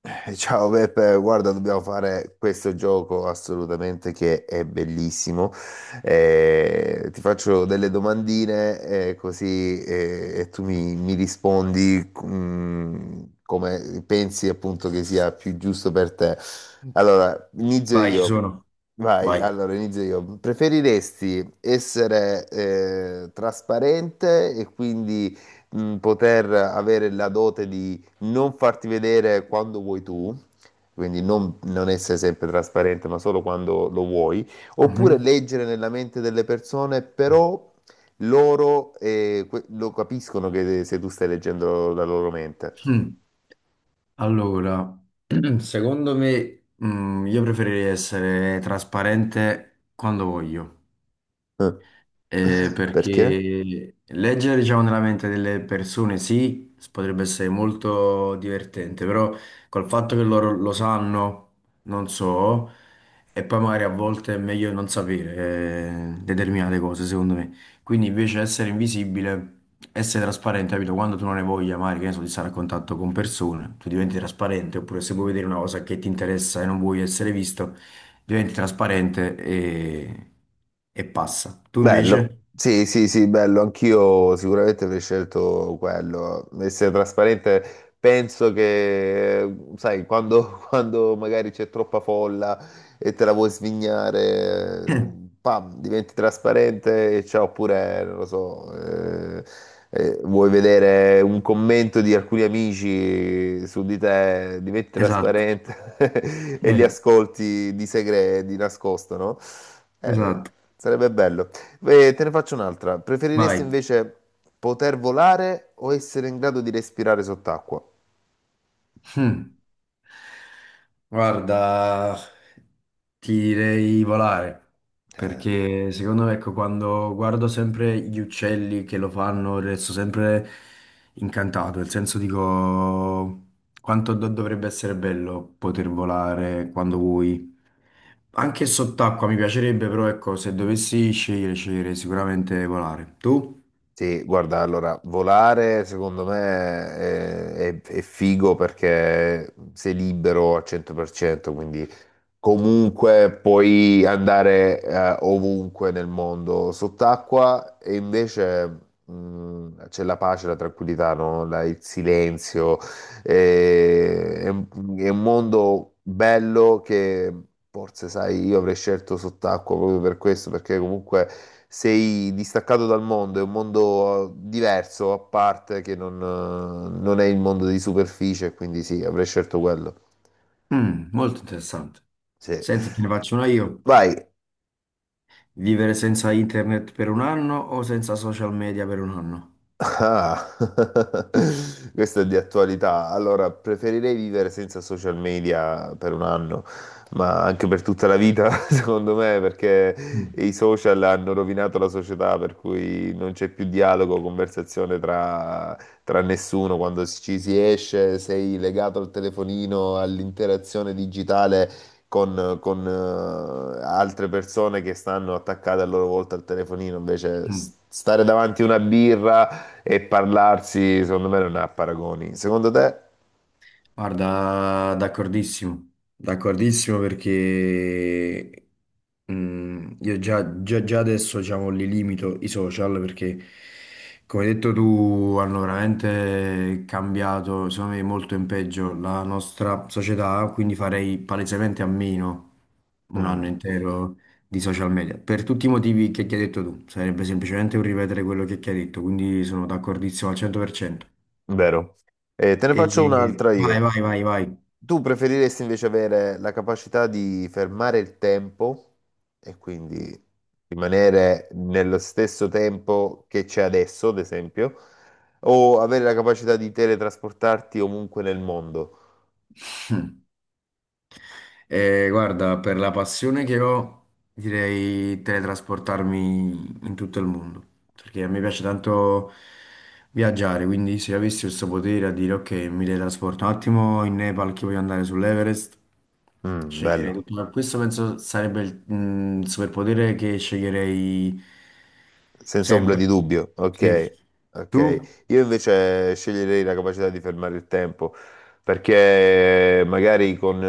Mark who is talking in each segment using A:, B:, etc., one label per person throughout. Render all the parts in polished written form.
A: Ciao Beppe, guarda, dobbiamo fare questo gioco assolutamente che è bellissimo. Ti faccio delle domandine così e tu mi rispondi come pensi appunto che sia più giusto per te. Allora, inizio
B: Vai, ci
A: io.
B: sono.
A: Vai,
B: Vai.
A: allora inizio io. Preferiresti essere trasparente e quindi poter avere la dote di non farti vedere quando vuoi tu, quindi non essere sempre trasparente, ma solo quando lo vuoi, oppure
B: Mhm.
A: leggere nella mente delle persone, però loro lo capiscono che se tu stai leggendo la loro mente.
B: Mm. Allora, secondo me, io preferirei essere trasparente quando voglio.
A: Perché?
B: Perché leggere, diciamo, nella mente delle persone sì, potrebbe essere molto divertente, però col fatto che loro lo sanno, non so, e poi magari a volte è meglio non sapere determinate cose, secondo me. Quindi invece essere invisibile, essere trasparente, capito? Quando tu non hai voglia, magari, che ne so, di stare a contatto con persone, tu diventi trasparente, oppure se vuoi vedere una cosa che ti interessa e non vuoi essere visto, diventi trasparente e passa. Tu invece?
A: Bello, sì, sì, sì, bello, anch'io sicuramente avrei scelto quello, essere trasparente, penso che, sai, quando, quando magari c'è troppa folla e te la vuoi svignare, pam, diventi trasparente e ciao, oppure, non lo so, vuoi vedere un commento di alcuni amici su di te, diventi
B: Esatto,
A: trasparente e li
B: eh,
A: ascolti di segreto, di nascosto, no? Eh,
B: esatto,
A: sarebbe bello. Te ne faccio un'altra. Preferiresti
B: vai.
A: invece poter volare o essere in grado di respirare sott'acqua?
B: Hmm. Guarda, ti direi volare,
A: Eh,
B: perché secondo me, ecco, quando guardo sempre gli uccelli che lo fanno, resto sempre incantato, nel senso dico quanto dovrebbe essere bello poter volare quando vuoi. Anche sott'acqua mi piacerebbe, però ecco, se dovessi scegliere, sceglierei sicuramente volare. Tu?
A: sì, guarda, allora, volare secondo me è, è figo perché sei libero al 100%, quindi comunque puoi andare ovunque nel mondo sott'acqua e invece c'è la pace, la tranquillità, no? Il silenzio. Eh, è, un è un mondo bello che forse, sai, io avrei scelto sott'acqua proprio per questo, perché comunque sei distaccato dal mondo, è un mondo diverso, a parte, che non, non è il mondo di superficie, quindi sì, avrei scelto quello.
B: Mm, molto interessante.
A: Sì.
B: Senti, te ne faccio una io.
A: Vai.
B: Vivere senza internet per un anno o senza social media per un anno?
A: Ah, questo è di attualità. Allora, preferirei vivere senza social media per un anno, ma anche per tutta la vita, secondo me, perché
B: Mm.
A: i social hanno rovinato la società, per cui non c'è più dialogo, conversazione tra, tra nessuno. Quando ci si esce, sei legato al telefonino, all'interazione digitale. Con altre persone che stanno attaccate a loro volta al telefonino, invece
B: Mm.
A: stare davanti a una birra, e parlarsi, secondo me, non ha paragoni. Secondo te?
B: Guarda, d'accordissimo, d'accordissimo perché io già, già adesso diciamo, li limito i social perché come hai detto tu hanno veramente cambiato, secondo me molto in peggio la nostra società, quindi farei palesemente a meno un anno
A: Mm,
B: intero di social media per tutti i motivi che ti hai detto tu, sarebbe semplicemente un ripetere quello che ti hai detto, quindi sono d'accordissimo al 100%.
A: vero. Te ne faccio un'altra
B: Vai,
A: io.
B: vai, vai, vai.
A: Tu preferiresti invece avere la capacità di fermare il tempo e quindi rimanere nello stesso tempo che c'è adesso, ad esempio, o avere la capacità di teletrasportarti ovunque nel mondo?
B: Guarda, per la passione che ho, direi teletrasportarmi in tutto il mondo, perché a me piace tanto viaggiare, quindi se avessi questo potere a dire ok, mi teletrasporto un attimo in Nepal che voglio andare sull'Everest,
A: Mm,
B: sceglierei
A: bello.
B: tutto. Ma questo penso sarebbe il superpotere che sceglierei
A: Senza ombra di
B: sempre.
A: dubbio,
B: Sì.
A: ok,
B: Tu?
A: ok. Io invece sceglierei la capacità di fermare il tempo, perché magari con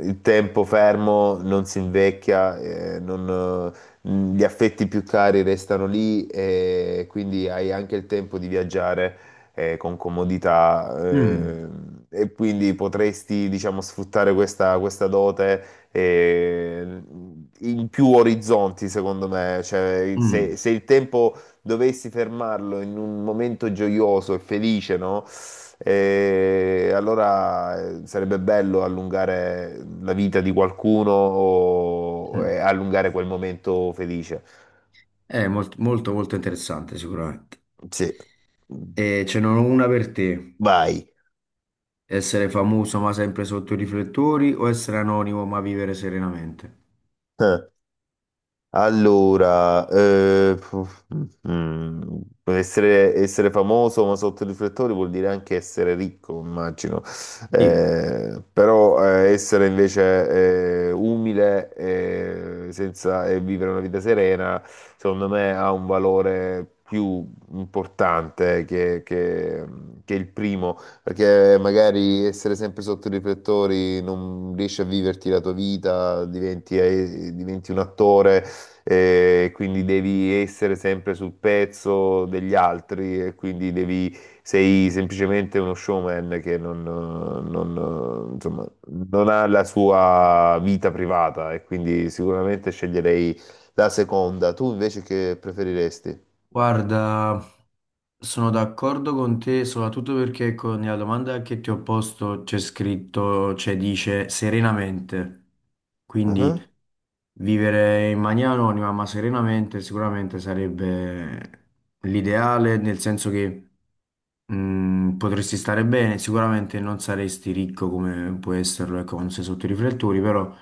A: il tempo fermo non si invecchia, non, gli affetti più cari restano lì e quindi hai anche il tempo di viaggiare con comodità
B: Mm,
A: e quindi potresti, diciamo, sfruttare questa, questa dote eh, in più orizzonti, secondo me. Cioè,
B: mm,
A: se, se il tempo dovessi fermarlo in un momento gioioso e felice, no? Allora sarebbe bello allungare la vita di qualcuno o
B: mm.
A: e allungare quel momento felice.
B: È molto, molto, molto interessante sicuramente.
A: Sì,
B: E ce n'è una per te.
A: vai.
B: Essere famoso ma sempre sotto i riflettori o essere anonimo ma vivere serenamente?
A: Allora, mm, essere, essere famoso ma sotto i riflettori vuol dire anche essere ricco, immagino.
B: Sì,
A: Però essere invece umile senza, e vivere una vita serena, secondo me ha un valore più importante che il primo, perché magari essere sempre sotto i riflettori non riesci a viverti la tua vita, diventi diventi un attore quindi devi essere sempre sul pezzo degli altri e quindi devi, sei semplicemente uno showman che non, non, insomma, non ha la sua vita privata e quindi sicuramente sceglierei la seconda. Tu invece che preferiresti?
B: guarda, sono d'accordo con te, soprattutto perché con la domanda che ti ho posto c'è scritto, cioè dice serenamente. Quindi
A: Ah,
B: vivere in maniera anonima ma serenamente sicuramente sarebbe l'ideale, nel senso che mm, potresti stare bene, sicuramente non saresti ricco come può esserlo, ecco, quando sei sotto i riflettori, però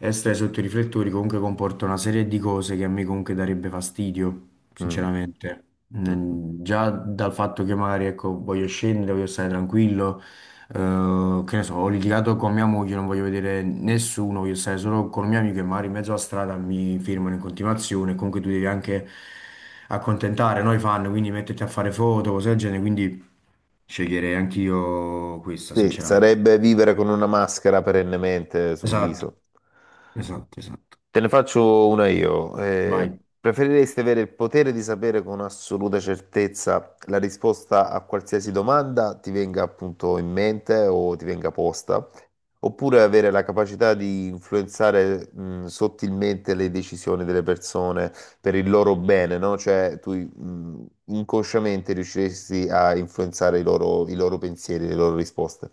B: essere sotto i riflettori comunque comporta una serie di cose che a me comunque darebbe fastidio,
A: mm,
B: sinceramente.
A: mm.
B: Mm, già dal fatto che magari, ecco, voglio scendere, voglio stare tranquillo, che ne so, ho litigato con mia moglie, non voglio vedere nessuno, voglio stare solo con un mio amico e magari in mezzo alla strada mi firmano in continuazione, comunque tu devi anche accontentare noi fan, quindi metterti a fare foto, cose del genere, quindi sceglierei anch'io questa,
A: Sì,
B: sinceramente.
A: sarebbe vivere con una maschera perennemente sul
B: Esatto.
A: viso.
B: Esatto, esatto.
A: Te ne faccio una io.
B: Vai.
A: Preferiresti avere il potere di sapere con assoluta certezza la risposta a qualsiasi domanda ti venga appunto in mente o ti venga posta, oppure avere la capacità di influenzare, sottilmente le decisioni delle persone per il loro bene, no? Cioè tu, inconsciamente riusciresti a influenzare i loro pensieri, le loro risposte.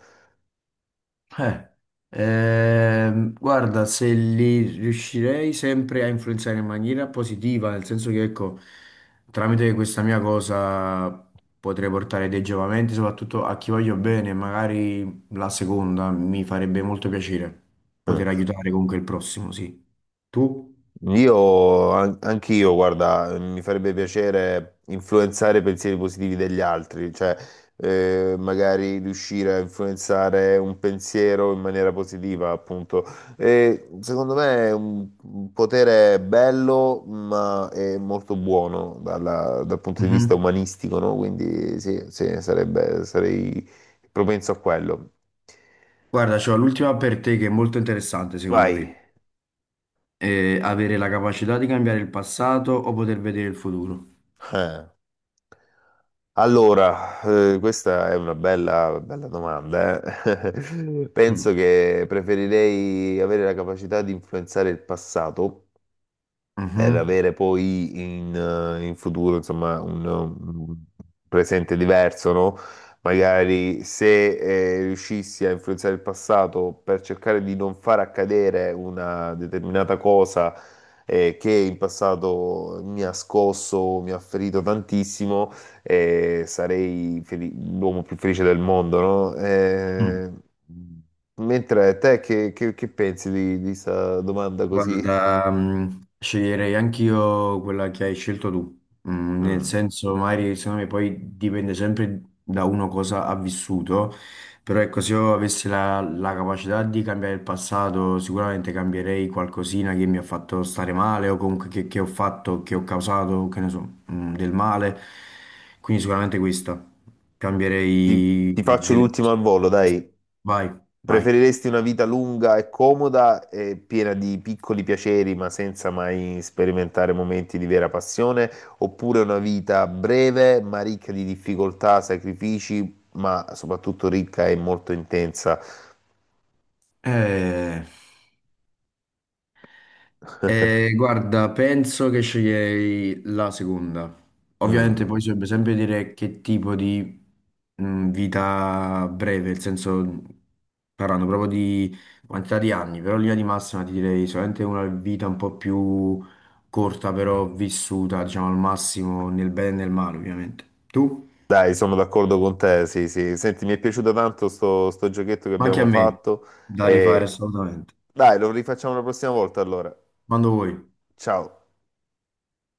B: Eh, guarda, se li riuscirei sempre a influenzare in maniera positiva, nel senso che, ecco, tramite questa mia cosa potrei portare dei giovamenti, soprattutto a chi voglio bene, magari la seconda mi farebbe molto piacere
A: Mm.
B: poter aiutare comunque il prossimo, sì. Tu?
A: Io, anch'io, guarda, mi farebbe piacere influenzare i pensieri positivi degli altri, cioè magari riuscire a influenzare un pensiero in maniera positiva, appunto. E, secondo me è un potere bello, ma è molto buono dal punto di vista
B: Mhm.
A: umanistico, no? Quindi sì, sì, sarebbe, sarei propenso a quello.
B: Guarda, c'ho l'ultima per te che è molto interessante, secondo
A: Vai.
B: me. Eh, avere la capacità di cambiare il passato o poter vedere il futuro.
A: Eh. Allora, questa è una bella, bella domanda, eh. Penso
B: Mm.
A: che preferirei avere la capacità di influenzare il passato per
B: Mhm.
A: avere poi in, in futuro, insomma, un presente diverso, no? Magari se riuscissi a influenzare il passato per cercare di non far accadere una determinata cosa che in passato mi ha scosso, mi ha ferito tantissimo, eh, sarei feli- l'uomo più felice del mondo, no?
B: Mm.
A: Mentre te che pensi di questa domanda così?
B: Guarda, sceglierei anch'io quella che hai scelto tu, mm, nel
A: Mm.
B: senso, magari secondo me poi dipende sempre da uno cosa ha vissuto, però ecco, se io avessi la capacità di cambiare il passato, sicuramente cambierei qualcosina che mi ha fatto stare male o comunque che ho fatto, che ho causato, che ne so, del male, quindi sicuramente questa, cambierei
A: Ti faccio
B: delle
A: l'ultima al volo,
B: cose.
A: dai.
B: Vai, vai.
A: Preferiresti una vita lunga e comoda e piena di piccoli piaceri, ma senza mai sperimentare momenti di vera passione, oppure una vita breve, ma ricca di difficoltà, sacrifici, ma soprattutto ricca e molto intensa?
B: Eh, guarda, penso che sceglierei la seconda. Ovviamente poi si
A: Mm.
B: dovrebbe sempre dire che tipo di vita breve, nel senso parlando proprio di quantità di anni, però in linea di massima ti direi solamente una vita un po' più corta, però vissuta, diciamo, al massimo nel bene e nel male, ovviamente. Tu?
A: Dai, sono d'accordo con te, sì, sì. Senti, mi è piaciuto tanto sto giochetto che
B: Ma anche a
A: abbiamo
B: me,
A: fatto
B: da rifare
A: e
B: assolutamente.
A: dai, lo rifacciamo la prossima volta allora.
B: Quando vuoi.
A: Ciao.